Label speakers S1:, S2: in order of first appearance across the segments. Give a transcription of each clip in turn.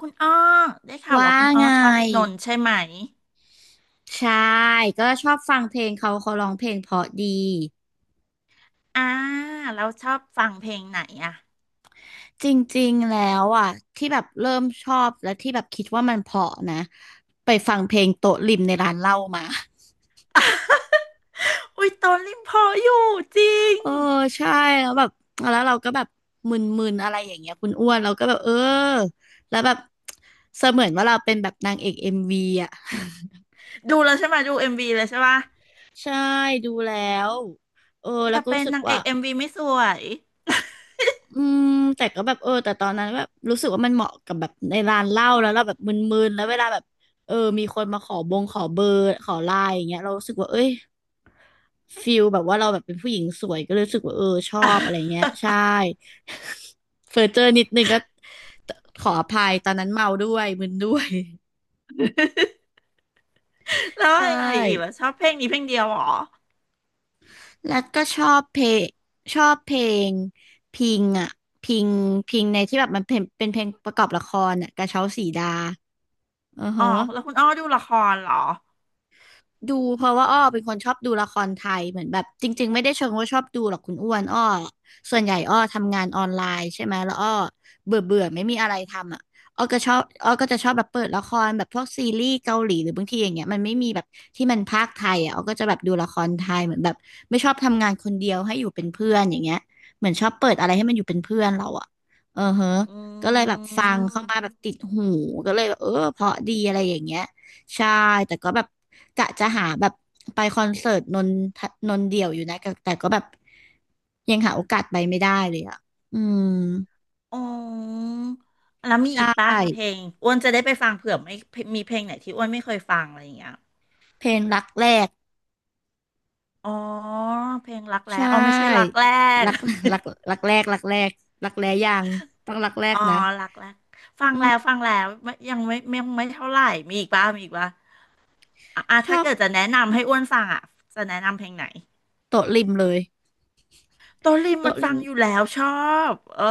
S1: คุณอ้อได้ข่าว
S2: ว่า
S1: ว่าคุณอ้อ
S2: ไง
S1: ชอบนนท์ใช่ไหม
S2: ใช่ก็ชอบฟังเพลงเขาร้องเพลงเพราะดี
S1: อ่าแล้วชอบฟังเพลงไหนอ่ะ
S2: จริงๆแล้วอ่ะที่แบบเริ่มชอบและที่แบบคิดว่ามันเพราะนะไปฟังเพลงโต๊ะริมในร้านเหล้ามา
S1: อุ้ยตอนริมพออยู่จริง
S2: เออใช่แล้วแบบแล้วเราก็แบบมึนๆอะไรอย่างเงี้ยคุณอ้วนเราก็แบบเออแล้วแบบเสมือนว่าเราเป็นแบบนางเอกเอ็มวีอ่ะ
S1: ดูแล้วใช่ไหมดูเอ็มวีเลยใช่ปะ
S2: ใช่ดูแล้วเออ
S1: อ
S2: แล้ว
S1: ย่า
S2: ก็
S1: เป็
S2: รู้
S1: น
S2: สึก
S1: นางเอ
S2: ว่า
S1: กเอ็มวีไม่สวย
S2: อืมแต่ก็แบบเออแต่ตอนนั้นแบบรู้สึกว่ามันเหมาะกับแบบในร้านเหล้าแล้วเราแบบมึนๆแล้วเวลาแบบเออมีคนมาขอบงขอเบอร์ขอไลน์อย่างเงี้ยเรารู้สึกว่าเอ้ยฟิลแบบว่าเราแบบเป็นผู้หญิงสวยก็เลยรู้สึกว่าเออชอบอะไรเงี้ยใช่ เฟอร์เจอร์นิดนึงก็ขออภัยตอนนั้นเมาด้วยมึนด้วย
S1: แล้ว
S2: ใช่
S1: อะไรอีกล่ะชอบเพลงนี้เพลงเดียวเหรอ
S2: แล้วก็ชอบเพลงพิงอ่ะพิงพิงในที่แบบมันเป็นเพลงประกอบละครอ่ะกระเช้าสีดาอือ
S1: อ๋อ
S2: ฮะ
S1: แล้วคุณอ้อดูละครเหรอ
S2: ดูเพราะว่าอ้อเป็นคนชอบดูละครไทยเหมือนแบบจริงๆไม่ได้เชิงว่าชอบดูหรอกคุณอ้วนอ้อส่วนใหญ่อ้อทำงานออนไลน์ใช่ไหมแล้วอ้อเบื่อเบื่อไม่มีอะไรทำอ่ะอ้อก็ชอบอ้อก็จะชอบแบบเปิดละครแบบพวกซีรีส์เกาหลีหรือบางทีอย่างเงี้ยมันไม่มีแบบที่มันพากย์ไทยอ่ะอ้อก็จะแบบดูละครไทยเหมือนแบบไม่ชอบทำงานคนเดียวให้อยู่เป็นเพื่อนอย่างเงี้ยเหมือนชอบเปิดอะไรให้มันอยู่เป็นเพื่อนเราอ่ะเออเฮะ
S1: อื
S2: ก็เลยแบบฟังเข้ามาแบ
S1: ม
S2: บติดหูก็เลยแบบเออเพราะดีอะไรอย่างเงี้ย ใช่แต่ก็แบบกะจะหาแบบไปคอนเสิร์ตนนทนนเดี่ยวอยู่นะแต่ก็แบบยังหาโอกาสไปไม่ได้เลยอ่ะอืม
S1: อ๋อแล้วมี
S2: ใช
S1: อีกปะเพล
S2: ่
S1: งอ้วนจะได้ไปฟังเผื่อไม่มีเพลงไหนที่อ้วนไม่เคยฟังอะไรอย่างเงี้ย
S2: เพลงรักแรก
S1: อ๋อเพลงรักแร้
S2: ใช่
S1: อ๋อไม่ใช่รักแรก
S2: รัก รักรักแรกรักแรกรักแร้ยังต้องรักแร
S1: อ๋
S2: ก
S1: อ
S2: นะ
S1: หลักแรกฟัง
S2: อื
S1: แล้ว
S2: ม
S1: ฟังแล้ว ไม่ยังไม่ไม่เท่าไหร่มีอีกป่ะมีอีกป่ะอ่ะอ่ะ
S2: ชอ
S1: ถ้า
S2: บ
S1: เกิดจะแนะนำให้อ้วนฟังอ่ะจะแนะนำเพลงไหน
S2: โต๊ะริมเลย
S1: โตลิมมั
S2: โต๊ะ
S1: น
S2: ริ
S1: ฟั
S2: ม
S1: งอยู่แล้วชอบเออ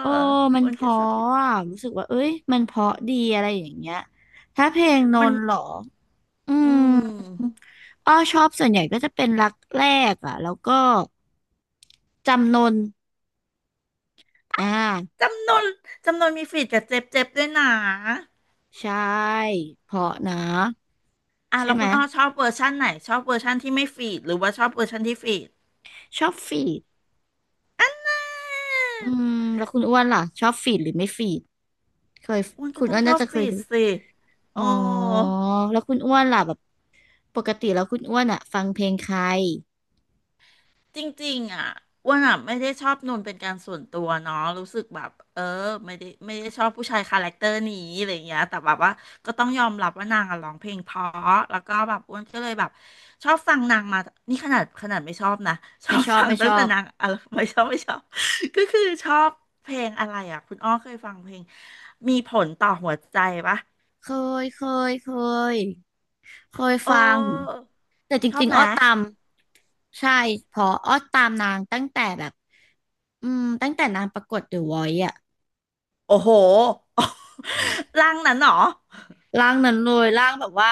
S2: โอ้มัน
S1: อ้วน
S2: เพ
S1: ก็ช
S2: ราะ
S1: อบอยู่
S2: อะรู้สึกว่าเอ้ยมันเพราะดีอะไรอย่างเงี้ยถ้าเพลงน
S1: มัน
S2: นท์เหรอ อื
S1: อื
S2: ม
S1: ม
S2: อ้อชอบส่วนใหญ่ก็จะเป็นรักแรกอ่ะแล้วก็จำนนอ่า
S1: จำนวนจำนวนมีฟีดกับเจ็บเจ็บด้วยนะ
S2: ใช่เพราะนะ
S1: อ่ะ
S2: ใช่
S1: แล้ว
S2: ไหม
S1: คุณอ้อชอบเวอร์ชั่นไหนชอบเวอร์ชั่นที่ไม่ฟีดหรือว่าชอบเวอร์ชั่นที่ฟีด
S2: ชอบฟีดอืมแล้วคุณอ้วนล่ะชอบฟีดหรือไม่ฟีดเคย
S1: อ้วนก็
S2: คุณ
S1: ต้อ
S2: อ้
S1: ง
S2: วน
S1: ชอ
S2: น่า
S1: บ
S2: จะเค
S1: ฟี
S2: ย
S1: ด
S2: ดู
S1: สิ
S2: อ๋
S1: โอ้
S2: อแล้วคุณอ้วนล่ะแบบปกติแล้วคุณอ้วนอ่ะฟังเพลงใคร
S1: จริงๆอ่ะอ้วนอ่ะไม่ได้ชอบนนเป็นการส่วนตัวเนาะรู้สึกแบบเออไม่ได้ชอบผู้ชายคาแรคเตอร์นี้อะไรอย่างเงี้ยแต่แบบว่าก็ต้องยอมรับว่านางอะร้องเพลงเพราะแล้วก็แบบอ้วนก็เลยแบบชอบฟังนางมานี่ขนาดขนาดไม่ชอบนะ ชอ
S2: ไม่
S1: บ
S2: ชอบ
S1: ฟัง
S2: ไม่ช
S1: ตั้ง
S2: อ
S1: แต่
S2: บ
S1: นางอะไรไม่ชอบ ก็คือชอบเพลงอะไรอ่ะคุณอ้อเคยฟังเพลงมีผลต่อหัวใจปะ
S2: เคยเคยเคยเคย
S1: เ
S2: ฟัง
S1: ออ
S2: แต่จ
S1: ชอบ
S2: ริง
S1: ไห
S2: ๆ
S1: ม
S2: อ้อตาม ใช่เพออ้อตามนางตั้งแต่แบบอืมตั้งแต่นางประกวดเดอะวอยซ์อะ
S1: โอ้โห ร่างนั้นเหรอ
S2: ร่างนั้นเลยร่างแบบว่า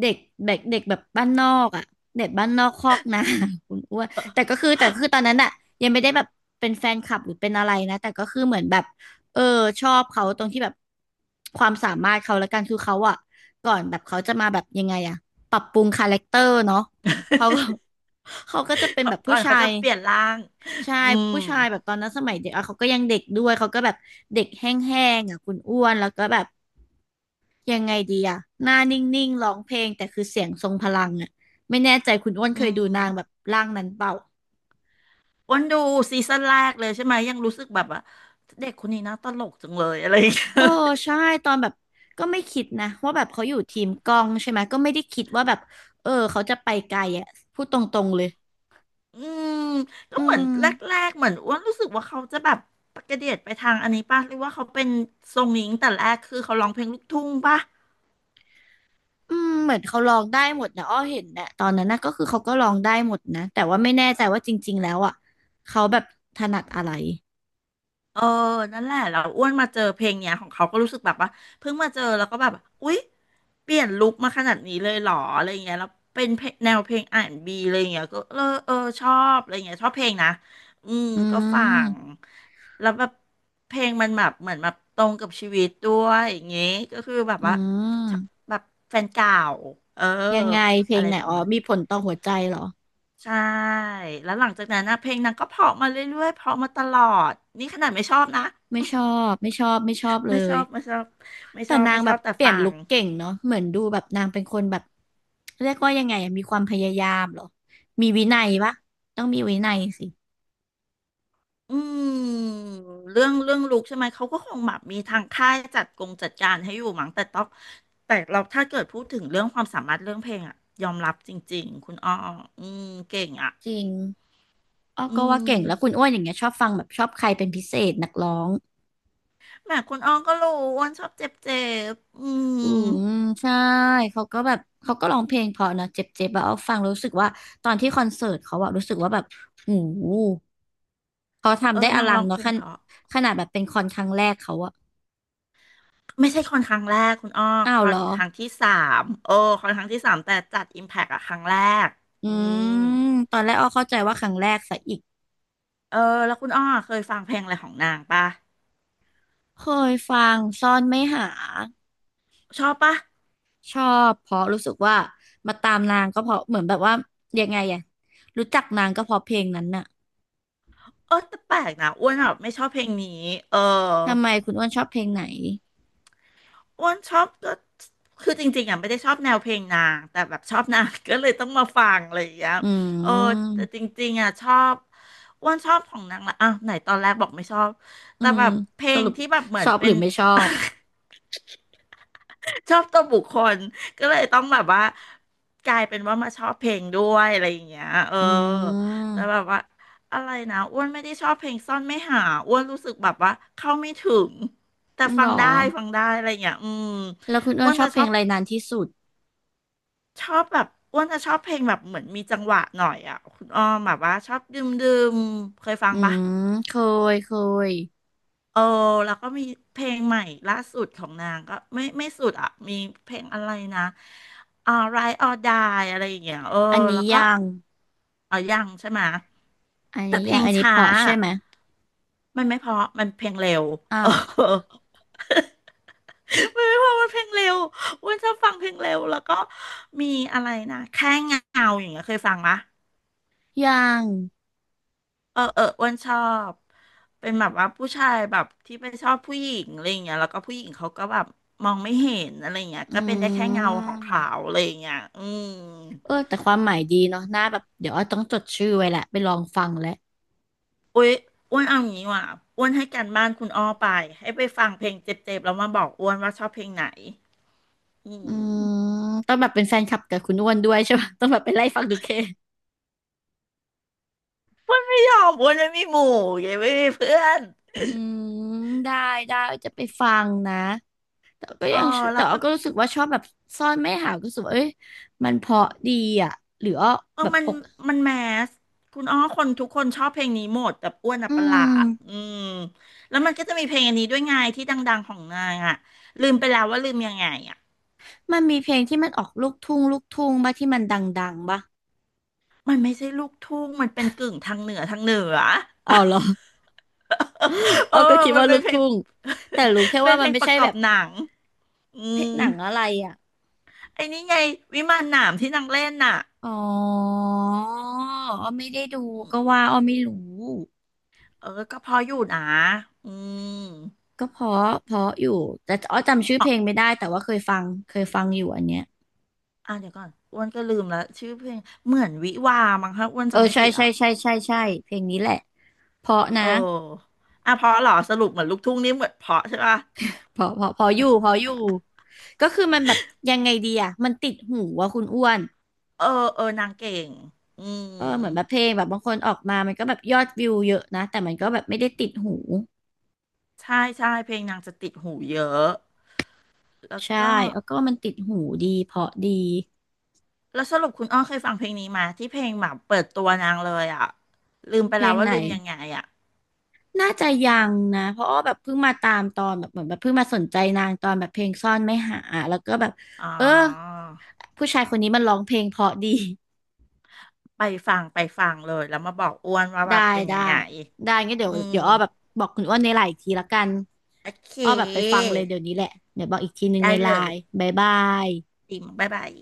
S2: เด็กเด็กเด็กแบบบ้านนอกอะเด็กบ้านนอกคอกนา คุณอ้วนแต่คือตอนนั้นอะยังไม่ได้แบบเป็นแฟนคลับหรือเป็นอะไรนะแต่ก็คือเหมือนแบบเออชอบเขาตรงที่แบบความสามารถเขาละกันคือเขาอะก่อนแบบเขาจะมาแบบยังไงอะปรับปรุงคาแรคเตอร์เนาะเขาก็ เขาก็จะเป็น
S1: เขา
S2: แบบ
S1: ก่
S2: ผู้
S1: อน
S2: ชา
S1: เขาจะ
S2: ย
S1: เปลี่ยนร่าง
S2: ใช่
S1: อืม
S2: ผู้ชายแบบตอนนั้นสมัยเด็กอ่ะเขาก็ยังเด็กด้วยเขาก็แบบเด็กแห้งๆอ่ะคุณอ้วนแล้วก็แบบยังไงดีอ่ะหน้านิ่งๆร้องเพลงแต่คือเสียงทรงพลังอ่ะไม่แน่ใจคุณอ้วนเค
S1: อื
S2: ยดูนางแบบ
S1: ม
S2: ร่างนั้นเปล่า
S1: อ้วนดูซีซั่นแรกเลยใช่ไหมยังรู้สึกแบบว่าเด็กคนนี้น่าตลกจังเลยอะไรอย่างเงี้ย
S2: เออ ใช่ตอนแบบก็ไม่คิดนะว่าแบบเขาอยู่ทีมกล้องใช่ไหมก็ไม่ได้คิดว่าแบบเออเขาจะไปไกลอ่ะพูดตรงๆเลย
S1: อืมก็
S2: อื
S1: เหมือน
S2: ม
S1: แรกๆเหมือนอ้วนรู้สึกว่าเขาจะแบบกระเดียดไปทางอันนี้ป่ะหรือว่าเขาเป็นทรงนี้ตั้งแต่แรกคือเขาร้องเพลงลูกทุ่งป่ะ
S2: อืมเหมือนเขาร้องได้หมดนะอ้อเห็นนะตอนนั้นนะก็คือเขาก็ร้องได้หมดนะแต่ว่าไม่แน่ใจว่าจริงๆแล้วอ่ะเขาแบบถนัดอะไร
S1: เออนั่นแหละเราอ้วนมาเจอเพลงเนี้ยของเขาก็รู้สึกแบบว่าเพิ่งมาเจอแล้วก็แบบอุ๊ยเปลี่ยนลุคมาขนาดนี้เลยเหรออะไรเงี้ยแล้วเป็นเพลงแนวเพลง R&B อนด์บีอะไรเงี้ยก็เออเออชอบอะไรเงี้ยชอบเพลงนะอืม
S2: อื
S1: ก็ฟัง
S2: ม
S1: แล้วแบบเพลงมันแบบเหมือนแบบตรงกับชีวิตด้วยอย่างเงี้ยก็คือแบบ
S2: อื
S1: ว่าชอบ
S2: ม
S1: แบบแฟนเก่าเออ
S2: ยังไงเพล
S1: อะ
S2: ง
S1: ไร
S2: ไหน
S1: ประ
S2: อ๋อ
S1: มาณนั้น
S2: มีผลต่อหัวใจเหรอ
S1: ใช่แล้วหลังจากนั้นนะเพลงนางก็เพราะมาเรื่อยๆเพราะมาตลอดนี่ขนาดไม่ชอบนะ
S2: ไม่ชอบไม่ชอบไม่ชอบเล
S1: ไม่ช
S2: ย
S1: อบไม่ชอบไม่
S2: แต่
S1: ชอบ
S2: นาง
S1: ไม่ช
S2: แบ
S1: อ
S2: บ
S1: บแต่
S2: เปลี่ย
S1: ฟั
S2: นลุ
S1: ง
S2: คเก่งเนาะเหมือนดูแบบนางเป็นคนแบบเรียกว่ายังไงอะมีความพยายามเหรอมีวินัยปะต้องมีวินัยสิ
S1: อืมเรื่องเรื่องลูกใช่ไหมเขาก็คงแบบมีทางค่ายจัดกงจัดการให้อยู่มั้งแต่ต้องแต่เราถ้าเกิดพูดถึงเรื่องความสามารถเรื่องเพลงอะยอมรับจริงๆคุณอ้ออืมเก่งอะ
S2: จริงอ้อ
S1: อื
S2: ก็ว่าเก่งแล้วคุ
S1: ม
S2: ณอ้วนอย่างเงี้ยชอบฟังแบบชอบใครเป็นพิเศษนักร้อง
S1: แหมคุณอ้อก็รู้อ้วนชอบเจ็บเจ็บอืม
S2: อืมใช่เขาก็แบบเขาก็ร้องเพลงเพราะนะเจ็บๆแบบเอาฟังแล้วรู้สึกว่าตอนที่คอนเสิร์ตเขาอะรู้สึกว่าแบบโอ้โห เขา
S1: เอ
S2: ทำ
S1: อ
S2: ได้อ
S1: นาง
S2: ลั
S1: ร้
S2: ง
S1: องเพ
S2: เนาะ
S1: ล
S2: ข
S1: ง
S2: น
S1: เพราะ
S2: ขนาดแบบเป็นคอนครั้งแรกเขาอะ
S1: ไม่ใช่คอนครั้งแรกคุณอ้อ
S2: อ้า
S1: ค
S2: ว
S1: อ
S2: เหร
S1: น
S2: อ
S1: ครั้งที่สามโอ้คอนครั้งที่สามแต่จัดอิมแพกอะครั้งแรก
S2: อื
S1: อืม
S2: มตอนแรกอ้อเข้าใจว่าครั้งแรกซะอีก
S1: เออแล้วคุณอ้อเคยฟังเพลงอะไรของนางปะ
S2: เคยฟังซ่อนไม่หา
S1: ชอบปะ
S2: ชอบเพราะรู้สึกว่ามาตามนางก็เพราะเหมือนแบบว่ายังไงอะรู้จักนางก็เพราะเพลงนั้นน่ะ
S1: เออแต่แปลกนะอ้วนแบบไม่ชอบเพลงนี้เออ
S2: ทำไมคุณอ้วนชอบเพลงไหน
S1: อ้วนชอบก็คือจริงๆอ่ะไม่ได้ชอบแนวเพลงนางแต่แบบชอบนาง ก็เลยต้องมาฟังอะไรอย่างเงี้ย
S2: อื
S1: เออ
S2: ม
S1: แต่จริงๆอ่ะชอบอ้วนชอบของนางละอ่ะไหนตอนแรกบอกไม่ชอบ
S2: อื
S1: แต่
S2: ม
S1: แบบเพล
S2: ส
S1: ง
S2: รุป
S1: ที่แบบเหมื
S2: ช
S1: อน
S2: อบห
S1: เป็
S2: รื
S1: น
S2: อไม่ชอบ
S1: ชอบตัวบุคคลก็เลยต้องแบบว่ากลายเป็นว่ามาชอบเพลงด้วยอะไรอย่างเงี้ยเออ
S2: อื
S1: แต่
S2: ม
S1: แบบว่าอะไรนะอ้วนไม่ได้ชอบเพลงซ่อนไม่หาอ้วนรู้สึกแบบว่าเข้าไม่ถึงแต่
S2: หร
S1: ฟั
S2: อ
S1: งได้ฟังได้อะไรอย่างเงี้ยอืม
S2: แล้วคุณอ้
S1: อ้
S2: ว
S1: ว
S2: น
S1: น
S2: ชอ
S1: จะ
S2: บเพ
S1: ช
S2: ล
S1: อ
S2: ง
S1: บ
S2: อะไรนานที่สุด
S1: ชอบแบบอ้วนจะชอบเพลงแบบเหมือนมีจังหวะหน่อยอ่ะคุณอ้อมแบบว่าชอบดื่มดื่มเคยฟัง
S2: อื
S1: ปะ
S2: มเคยเคย
S1: เออแล้วก็มีเพลงใหม่ล่าสุดของนางก็ไม่ไม่สุดอ่ะมีเพลงอะไรนะr i h t or Die อะไรอย่างเงี้ยเออ
S2: อัน
S1: แล้
S2: นี้
S1: วก็
S2: ยัง
S1: เอายังใช่ไหมะ
S2: อัน
S1: แต่
S2: นี้
S1: เพล
S2: ยัง
S1: ง
S2: อันนี้
S1: ช้า
S2: เพาะใช่
S1: อะ
S2: ไหม
S1: มันไม่เพราะมันเพลงเร็ว
S2: อ้า
S1: เออ
S2: ว
S1: ไม่เพราะมันเพลงเร็วอ้วนชอบฟังเพลงเร็วแล้วก็มีอะไรนะแค่เงาอย่างเงี้ยเคยฟังมะ
S2: ยัง
S1: เออเอออ้วนชอบเป็นแบบว่าผู้ชายแบบที่ไปชอบผู้หญิงอะไรอย่างเงี้ยแล้วก็ผู้หญิงเขาก็แบบมองไม่เห็นอะไรอย่างเงี้ย
S2: อื
S1: ก็เป็นได้แค่เงาของเขา
S2: ม
S1: อะไรอย่างเงี้ยอืม
S2: เออแต่ความหมายดีเนาะน่าแบบเดี๋ยวอ้อต้องจดชื่อไว้แหละไปลองฟังแล้ว
S1: อุ้ยอ้วนเอาอย่างนี้ว่ะอ้วนให้การบ้านคุณอ้อไปให้ไปฟังเพลงเจ็บๆแล้วมาบอกอ้วนว่าชอบเพลงไหนอื
S2: อื
S1: ม
S2: มต้องแบบเป็นแฟนคลับกับคุณอ้วนด้วยใช่ปะ ต้องแบบไปไล่ฟังดูเค
S1: อ้วนไม่ยอมอ้วนไม่มีหมู่ยังไม่มีเพื่อน
S2: อืมได้ได้จะไปฟังนะแต่ก็
S1: เออ
S2: ยัง
S1: แล้
S2: แต่
S1: ว
S2: อ้
S1: คุ
S2: อ
S1: ณ
S2: ก็รู้สึกว่าชอบแบบซ่อนไม่หาวก็รู้สึกว่าเอ้ยมันเพราะดีอ่ะหรืออ้อ
S1: เออ
S2: แบบ
S1: มัน
S2: อก
S1: มันแมสคุณอ้อคนทุกคนชอบเพลงนี้หมดแบบอ้วนอ่ะ
S2: อื
S1: ประหลาดอื
S2: ม
S1: มแล้วมันก็จะมีเพลงอันนี้ด้วยไงที่ดังๆของนางอ่ะลืมไปแล้วว่าลืมยังไงอ่ะ
S2: มันมีเพลงที่มันออกลูกทุ่งลูกทุ่งบ้าที่มันดังๆบ้า
S1: มันไม่ใช่ลูกทุ่งมันเป็นกึ่งทางเหนือทางเหนือ
S2: เอาเหรอ
S1: เอ
S2: อ้อ
S1: อ
S2: ก็คิด
S1: มัน
S2: ว่า
S1: เป็
S2: ลู
S1: น
S2: ก
S1: เพลง
S2: ทุ่ง แต่รู้แค่
S1: เป็
S2: ว่า
S1: นเพ
S2: มั
S1: ล
S2: น
S1: ง
S2: ไม่
S1: ประ
S2: ใช่
S1: กอ
S2: แบ
S1: บ
S2: บ
S1: หนังอื
S2: เพศ
S1: ม
S2: หนังอะไรอ่ะ
S1: ไอ้นี่ไงวิมานหนามที่นางเล่นน่ะ
S2: อ๋ออ้อไม่ได้ดู
S1: อื
S2: ก็
S1: ม
S2: ว่าอ้อไม่รู้
S1: เออก็พออยู่นะอืม
S2: ก็เพราะเพราะอยู่แต่อ้อจำชื่อ
S1: อ๋
S2: เพ
S1: อ
S2: ลงไม่ได้แต่ว่าเคยฟังเคยฟังอยู่อันเนี้ย
S1: อ่ะเดี๋ยวก่อนอ้วนก็ลืมแล้วชื่อเพลงเหมือนวิวามั้งคะอ้วน
S2: เออ
S1: จำไม่
S2: ใช่
S1: ผิด
S2: ใช่
S1: อ่ะ
S2: ใช่ใช่ใช่เพลงนี้แหละเพราะ
S1: เอ
S2: นะ
S1: ออ่ะเพราะเหรอสรุปเหมือนลูกทุ่งนี่เหมือนเพราะใช่ป่ะ
S2: เพราะเพราะเพราะอยู่เพราะอยู่ก็คือมันแบบยังไงดีอ่ะมันติดหูว่าคุณอ้วน
S1: เออเออนางเก่งอืม
S2: เออเหมือนแบบเพลงแบบบางคนออกมามันก็แบบยอดวิวเยอะนะแต่มันก็แบบไม่ได้ติดหู
S1: ใช่ใช่เพลงนางจะติดหูเยอะแล้ว
S2: ใช่
S1: ก็
S2: แล้วก็มันติดหูดีเพราะดี
S1: แล้วสรุปคุณอ้อเคยฟังเพลงนี้มาที่เพลงแบบเปิดตัวนางเลยอ่ะลืมไป
S2: เพล
S1: แล้ว
S2: ง
S1: ว่า
S2: ไหน
S1: ลืมยังไงอ่ะ
S2: น่าจะยังนะ เพราะอ้อแบบเพิ่งมาตามตอนแบบเหมือนแบบเพิ่งมาสนใจนางตอนแบบเพลงซ่อนไม่หา แล้วก็แบบ
S1: อ๋อ
S2: เออ ผู้ชายคนนี้มันร้องเพลงเพราะดี
S1: ไปฟังไปฟังเลยแล้วมาบอกอ้วนว่าแบ
S2: ได้
S1: บเป็นยั
S2: ได้
S1: งไง
S2: ได้งั้นเดี๋ย
S1: อื
S2: ว
S1: ม
S2: เดี๋ยวอ้อแบบบอกคุณอ้วนในไลน์อีกทีละกัน
S1: โอเค
S2: อ้อแบบไปฟังเลยเดี๋ยวนี้แหละเดี๋ยวบอกอีกทีหนึ่ง
S1: ได้
S2: ในไล
S1: เลย
S2: น์บายบาย
S1: ดีมบ๊ายบาย